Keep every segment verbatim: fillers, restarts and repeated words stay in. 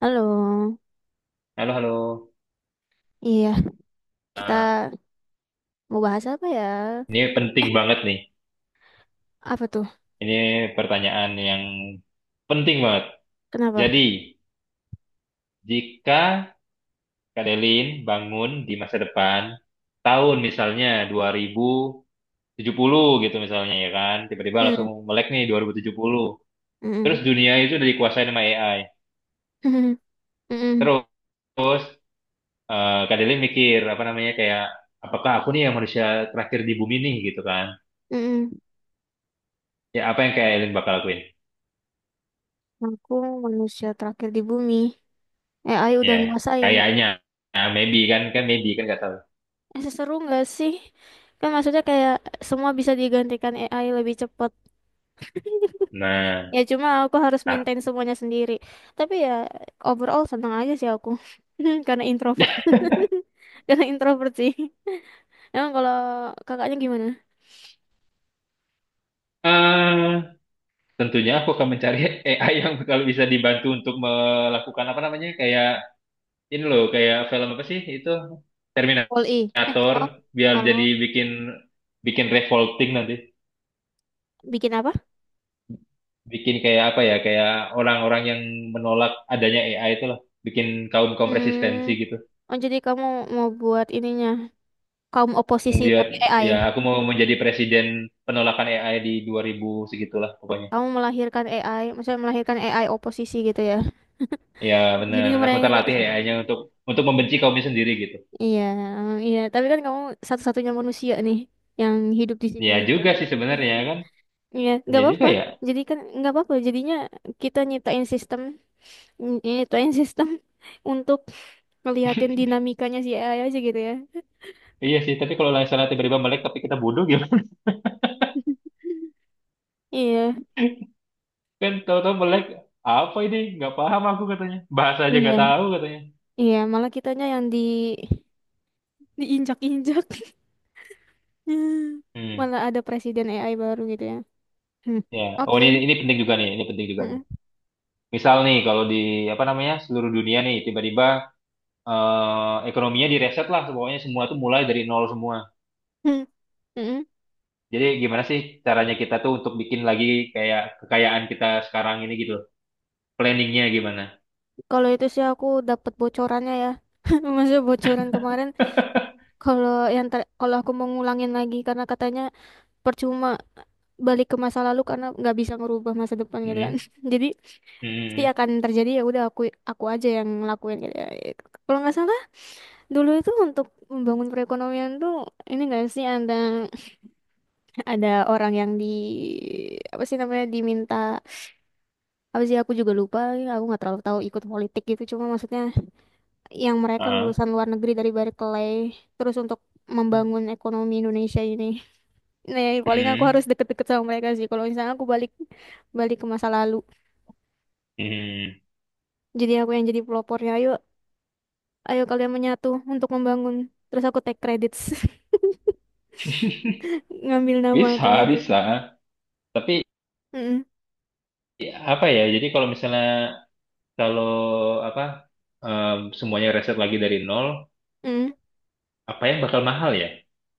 Halo, Halo, halo. iya, kita Nah, mau bahas apa ya? ini penting banget nih. Apa tuh? Ini pertanyaan yang penting banget. Kenapa? Jadi, jika Kak Delin bangun di masa depan, tahun misalnya dua ribu tujuh puluh gitu misalnya ya kan, tiba-tiba Hmm, langsung melek nih dua ribu tujuh puluh. Terus mm-mm. dunia itu udah dikuasain sama A I. Mm-mm. Terus, eh Kak Delin mikir, apa namanya, kayak, apakah aku nih yang manusia terakhir di bumi nih gitu kan. Mm-mm. Ya, apa yang Kak Delin bakal lakuin? Aku manusia terakhir di bumi. Eh, A I udah Ya, ngerasain. kayaknya nah, maybe kan kan maybe kan nggak tahu. Eh, seseru nggak sih? Kan maksudnya kayak semua bisa digantikan A I lebih cepat. Nah, Ya cuma aku harus ah, maintain semuanya sendiri. Tapi ya overall seneng aja sih aku. Karena introvert. Karena introvert sih. Emang kalau kakaknya gimana? eh, tentunya aku akan mencari A I yang kalau bisa dibantu untuk melakukan apa namanya, kayak ini loh, kayak film apa sih itu, Poli. Eh, Terminator, oh. biar jadi Oh. bikin bikin revolting nanti, Bikin apa? bikin kayak apa ya, kayak orang-orang yang menolak adanya A I itu loh, bikin kaum-kaum resistensi Hmm. gitu, Oh, jadi kamu mau buat ininya kaum oposisi membuat, tapi A I. ya aku mau menjadi presiden penolakan A I di dua ribu segitulah pokoknya. Kamu melahirkan A I, maksudnya melahirkan A I oposisi gitu ya. Ya Jadi benar, aku ntar mereka latih A I-nya untuk untuk membenci kaumnya sendiri gitu. iya, iya, tapi kan kamu satu-satunya manusia nih yang hidup di situ Ya gitu kan. juga sih Iya, sebenarnya kan. iya, nggak Ya juga apa-apa. ya. Jadi kan nggak apa-apa. Jadinya kita nyiptain sistem, ny- nyiptain sistem untuk ngeliatin dinamikanya si A I aja gitu ya. Iya sih, tapi kalau misalnya tiba-tiba melek tapi kita bodoh gimana? Iya, Kan tahu-tahu melek, apa ini? Nggak paham aku katanya. Bahasa aja iya, nggak tahu katanya. iya. Malah kitanya yang di diinjak-injak. Hmm. Malah ada presiden A I baru gitu ya. Hmm. Ya, oh Oke. ini ini penting juga nih, ini penting juga nih. Mm-mm. Misal nih kalau di apa namanya seluruh dunia nih tiba-tiba, eh, ekonominya direset lah, pokoknya semua tuh mulai dari nol semua. Hmm. Mm-mm. Jadi gimana sih caranya kita tuh untuk bikin lagi kayak kekayaan kita sekarang ini gitu, planningnya gimana? Kalau itu sih aku dapat bocorannya ya. Maksudnya bocoran kemarin, kalau yang ter- kalau aku mau ngulangin lagi karena katanya percuma balik ke masa lalu karena nggak bisa ngerubah masa depan gitu kan. Hmm, Jadi pasti hmm, akan terjadi, ya udah aku aku aja yang ngelakuin gitu ya. Gitu. Kalau nggak salah dulu itu untuk membangun perekonomian tuh, ini nggak sih, ada ada orang yang di apa sih namanya diminta, apa sih aku juga lupa, aku nggak terlalu tahu ikut politik gitu, cuma maksudnya yang mereka ah, lulusan luar negeri dari Berkeley terus untuk membangun ekonomi Indonesia ini, nah ya, paling aku hmm, harus deket-deket sama mereka sih kalau misalnya aku balik balik ke masa lalu, hmm. jadi aku yang jadi pelopornya, ayo ayo kalian menyatu untuk membangun, terus aku take credits, ngambil nama Bisa, kan itu. bisa. Tapi Mm-mm. ya, apa ya? Jadi kalau misalnya, kalau apa, em, semuanya reset lagi dari nol, Mm-mm. apa yang bakal mahal ya?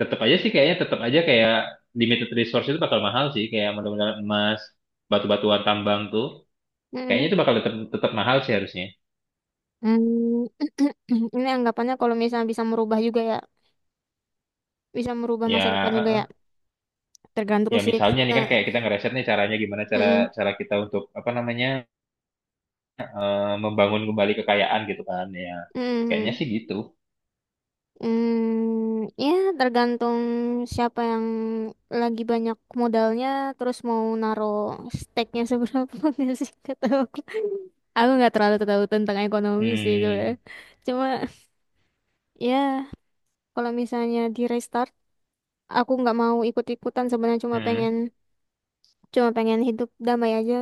Tetap aja sih kayaknya, tetap aja kayak limited resource itu bakal mahal sih, kayak mudah-mudahan emas, batu-batuan tambang tuh. Kayaknya Mm-mm. itu bakal tetap tetap mahal sih harusnya. Mm, ini anggapannya kalau misalnya bisa merubah juga ya, bisa merubah Ya, masa depan juga eh, ya, eh. tergantung Ya sih. Eh, misalnya nih kan kayak kita ngereset nih, caranya gimana, cara mm-mm, cara kita untuk apa namanya, eh, membangun kembali kekayaan gitu kan ya, kayaknya mm-mm. sih gitu. Mm, ya tergantung siapa yang lagi banyak modalnya terus mau naro stake-nya seberapa, nggak sih kata aku aku nggak terlalu tahu tentang ekonomi sih sebenarnya, Hmm, cuma ya kalau misalnya di restart aku nggak mau ikut-ikutan sebenarnya, cuma hmm, pengen cuma pengen hidup damai aja,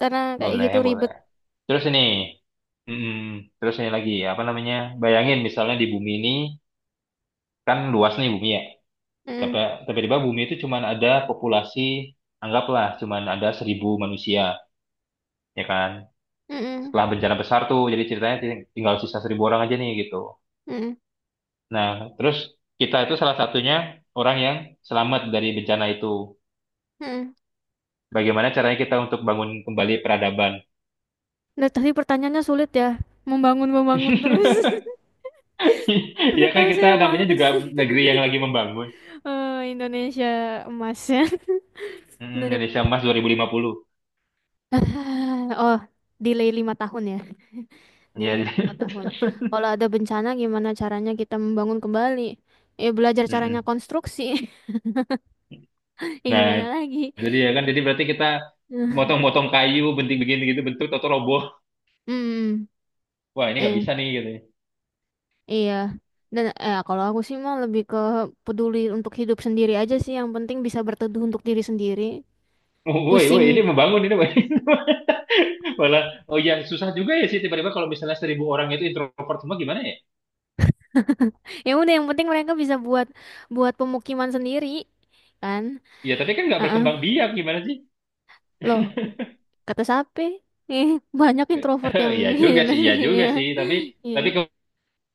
karena kayak boleh, gitu boleh, ribet. terus ini, hmm, terus ini lagi apa namanya, bayangin misalnya di bumi ini, kan luas nih bumi ya, tapi Mm, tiba-tiba bumi itu cuman ada populasi, anggaplah cuman ada seribu manusia, ya kan, mm-mm, setelah bencana besar tuh, jadi ceritanya ting- tinggal sisa seribu orang aja nih gitu. mm-mm, Nah, terus kita itu salah satunya, orang yang selamat dari bencana itu. mm-mm. Bagaimana caranya kita untuk bangun kembali peradaban? Nah, tadi pertanyaannya sulit ya. Membangun-membangun terus. Udah Ya kan tahu kita saya namanya malas. juga negeri yang lagi membangun. Eh, Indonesia emasnya Mm, Indonesia Emas dua ribu empat puluh lima. dua ribu lima puluh. Oh, delay lima tahun ya. Ya. Delay lima tahun. Kalau ada bencana gimana caranya kita membangun kembali? Ya belajar caranya Mm-mm. konstruksi. Ya Nah, gimana lagi? jadi ya kan, jadi berarti kita motong-motong kayu, benting-benting gitu bentuk atau roboh. Hmm. Wah, ini nggak Eh. bisa nih gitu, ya. Iya. Dan eh kalau aku sih mah lebih ke peduli untuk hidup sendiri aja sih. Yang penting bisa berteduh untuk diri sendiri. Oh, woi, woi, ini Pusing. membangun ini, woi. Malah, oh ya susah juga ya sih, tiba-tiba kalau misalnya seribu orang itu introvert semua gimana ya? Ya udah yang penting mereka bisa buat buat pemukiman sendiri kan. Ya tapi kan nggak Heeh. berkembang biak gimana sih? Loh, kata siapa? Eh, banyak introvert yang Iya juga yang nggak sih, sih iya juga ya. sih. Tapi Iya. tapi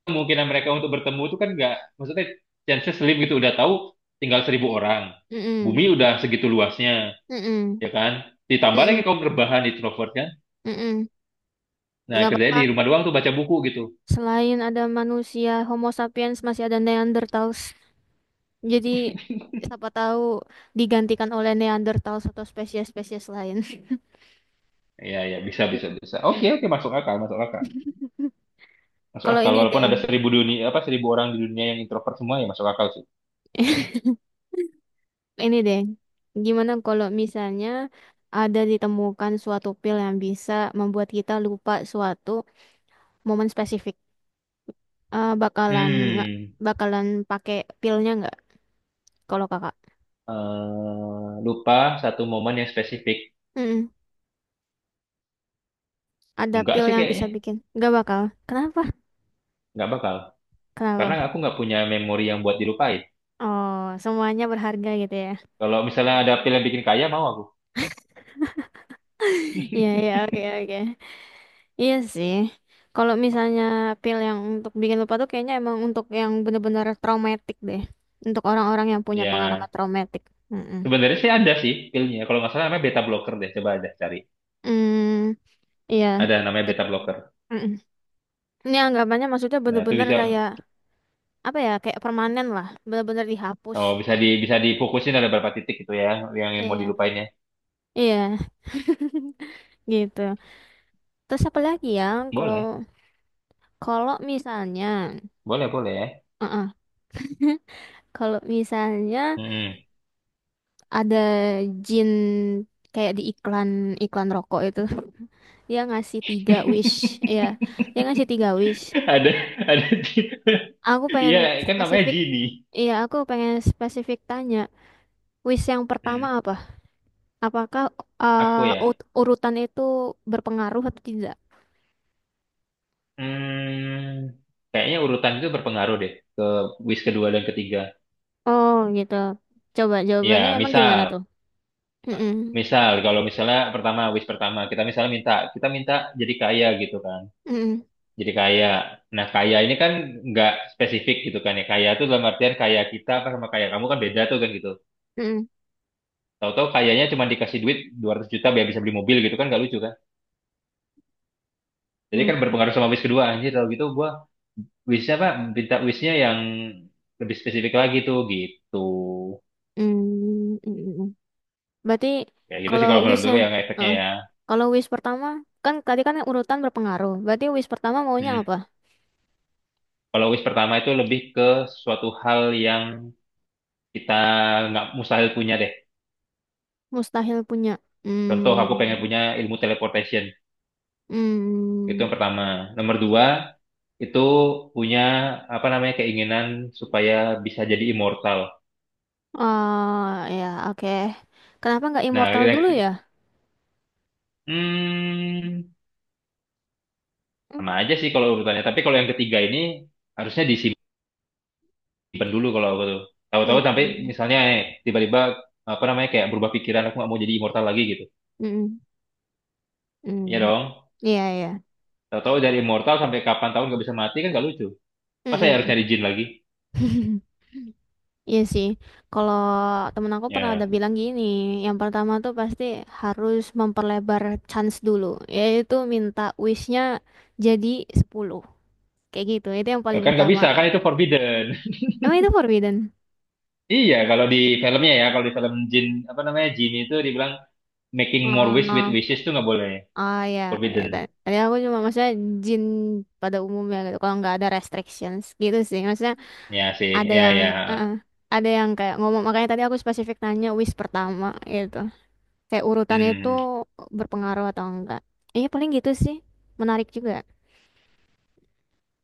kemungkinan mereka untuk bertemu itu kan nggak, maksudnya chance slim gitu, udah tahu tinggal seribu orang, Mm-mm. bumi udah segitu luasnya, Mm-mm. ya kan, ditambah lagi Mm-mm. kaum rebahan introvert kan, Mm-mm. nah Nggak kerjanya apa-apa. di rumah doang tuh, baca buku gitu. Selain ada manusia Homo sapiens masih ada Neanderthals. Jadi siapa tahu digantikan oleh Neanderthal atau spesies-spesies lain. Ya, ya, bisa, bisa, bisa, oke, Mm. oke, masuk akal, masuk akal, masuk Kalau akal, ini walaupun deh, ada seribu dunia, apa, seribu orang di dunia yang introvert semua, ya masuk akal sih. ini deh, gimana kalau misalnya ada ditemukan suatu pil yang bisa membuat kita lupa suatu momen spesifik? Eh, bakalan nggak, Hmm. bakalan pakai pilnya nggak? Kalau kakak? eh, lupa satu momen yang spesifik, Mm-mm. Ada enggak pil sih yang kayaknya, bisa bikin? Nggak bakal. Kenapa? nggak bakal, karena Kenapa? aku nggak punya memori yang buat dilupain. Oh, semuanya berharga gitu ya? Kalau misalnya ada film bikin kaya mau aku. Iya iya, oke oke. Iya sih. Kalau misalnya pil yang untuk bikin lupa tuh kayaknya emang untuk yang bener-bener traumatik deh. Untuk orang-orang yang punya pengalaman Ya, traumatik. Mm-mm. sebenarnya sih ada sih pilnya. Kalau nggak salah namanya beta blocker deh. Coba aja cari. Hmm, iya. Ada namanya Bet- beta blocker. mm-mm. Ini anggapannya maksudnya Nah, itu bener-bener bisa, kayak apa ya? Kayak permanen lah, bener-bener dihapus. oh, bisa di, bisa difokusin ada berapa titik gitu ya, yang, yang mau Iya, dilupainnya. iya, gitu. Terus apa lagi ya? Kalau Boleh, kalau misalnya, boleh, boleh. uh kalau misalnya Mm. ada jin kayak di iklan iklan rokok itu, dia ngasih tiga wish, ya dia ngasih tiga wish, Ada, ada. aku pengen Iya, kan namanya spesifik, genie. iya aku pengen spesifik tanya wish yang Hmm, pertama apa apakah aku uh, ya. ut- urutan itu berpengaruh atau tidak. Hmm, kayaknya urutan itu berpengaruh deh ke wish kedua dan ketiga. Oh gitu, coba jawabannya Ya, emang gimana misal tuh. Mm-mm. Misal, kalau misalnya pertama, wish pertama, kita misalnya minta, kita minta jadi kaya gitu kan, Mm-mm. jadi kaya. Nah, kaya ini kan nggak spesifik gitu kan ya, kaya itu dalam artian, kaya kita apa sama kaya kamu kan beda tuh kan gitu. Mm-mm. Tahu-tahu kayanya cuma dikasih duit dua ratus juta biar bisa beli mobil gitu kan, nggak lucu kan. Jadi kan berpengaruh sama wish kedua, anjir kalau gitu gua wishnya apa, minta wishnya yang lebih spesifik lagi tuh gitu. Mm-mm. Mm-mm. Berarti Ya gitu sih kalau kalau menurut wishnya, gue yang efeknya heeh, ya. kalau wish pertama, kan tadi kan urutan berpengaruh. Berarti wish pertama maunya Hmm. apa? Kalau wish pertama itu lebih ke suatu hal yang kita nggak mustahil punya deh. Mustahil punya. Contoh, Hmm, aku pengen punya ilmu teleportation. Itu hmm. yang pertama. Nomor dua, itu punya apa namanya, keinginan supaya bisa jadi immortal. Oh ya oke. Kenapa nggak Nah, immortal dulu yang- ya? hmm, Hmm, sama aja sih kalau urutannya. Tapi kalau yang ketiga ini harusnya disimpan dulu kalau aku tuh. Tahu-tahu sampai hmm, misalnya, eh, tiba-tiba apa namanya, kayak berubah pikiran aku nggak mau jadi immortal lagi gitu. hmm, hmm. Iya dong. Iya iya. Tahu-tahu dari immortal sampai kapan tahun nggak bisa mati kan nggak lucu. Masa ya harus Hmm. nyari jin lagi? Hmm. Iya sih, kalau temen aku pernah ada Ya. bilang gini, yang pertama tuh pasti harus memperlebar chance dulu, yaitu minta wishnya jadi sepuluh, kayak gitu, itu yang Eh, paling kan nggak utama. bisa, kan itu forbidden. Emang itu forbidden? Iya, kalau di filmnya ya, kalau di film Jin, apa namanya, Jin itu dibilang making more wish with Oh, wishes itu nggak boleh. oh ya, ya, Forbidden. ta- tadi aku cuma maksudnya jin pada umumnya gitu, kalau nggak ada restrictions gitu sih, maksudnya Ya sih, ada ya, yang, ya. eh, eh, ada yang kayak ngomong, makanya tadi aku spesifik nanya wish pertama gitu. Kayak urutannya itu Hmm. berpengaruh atau enggak. Iya paling gitu sih. Menarik juga.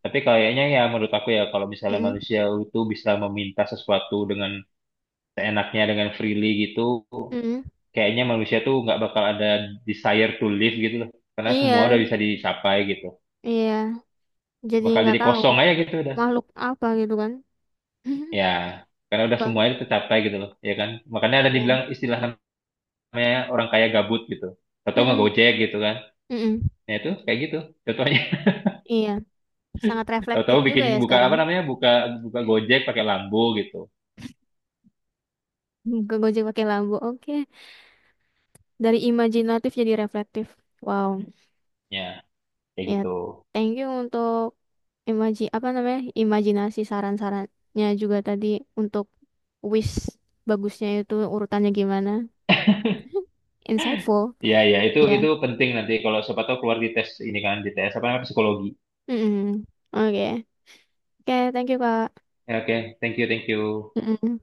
Tapi kayaknya ya menurut aku ya, kalau misalnya Mm-mm. manusia itu bisa meminta sesuatu dengan seenaknya, dengan freely gitu, Mm-mm. kayaknya manusia tuh nggak bakal ada desire to live gitu loh. Karena semua udah Iya, bisa dicapai gitu. iya. Jadi Bakal nggak jadi tahu kosong aja gitu udah. makhluk apa gitu kan. Ya, karena udah Bang. semuanya tercapai gitu loh, ya kan? Makanya ada Iya. dibilang istilah namanya orang kaya gabut gitu. Tahu-tahu nggak Mm-mm. Gojek gitu kan. Mm-mm. Nah itu kayak gitu. Contohnya, Iya. Sangat reflektif tahu-tahu juga bikin ya buka sekarang. apa namanya, buka buka Gojek pakai Lambo gitu. Hmm, ke Gojek pakai lampu. Oke. Dari imajinatif jadi reflektif. Wow. Ya kayak Ya. gitu. Thank you untuk imaji apa namanya? Imajinasi saran-sarannya juga tadi untuk wish bagusnya itu urutannya gimana. Insightful. Iya iya, itu itu Ya. penting nanti kalau siapa tahu keluar di tes ini, kan di tes apa namanya, psikologi. Mm-mm. Oke. Oke, thank you, Kak. Ya, oke, thank you, thank you. Mm-mm.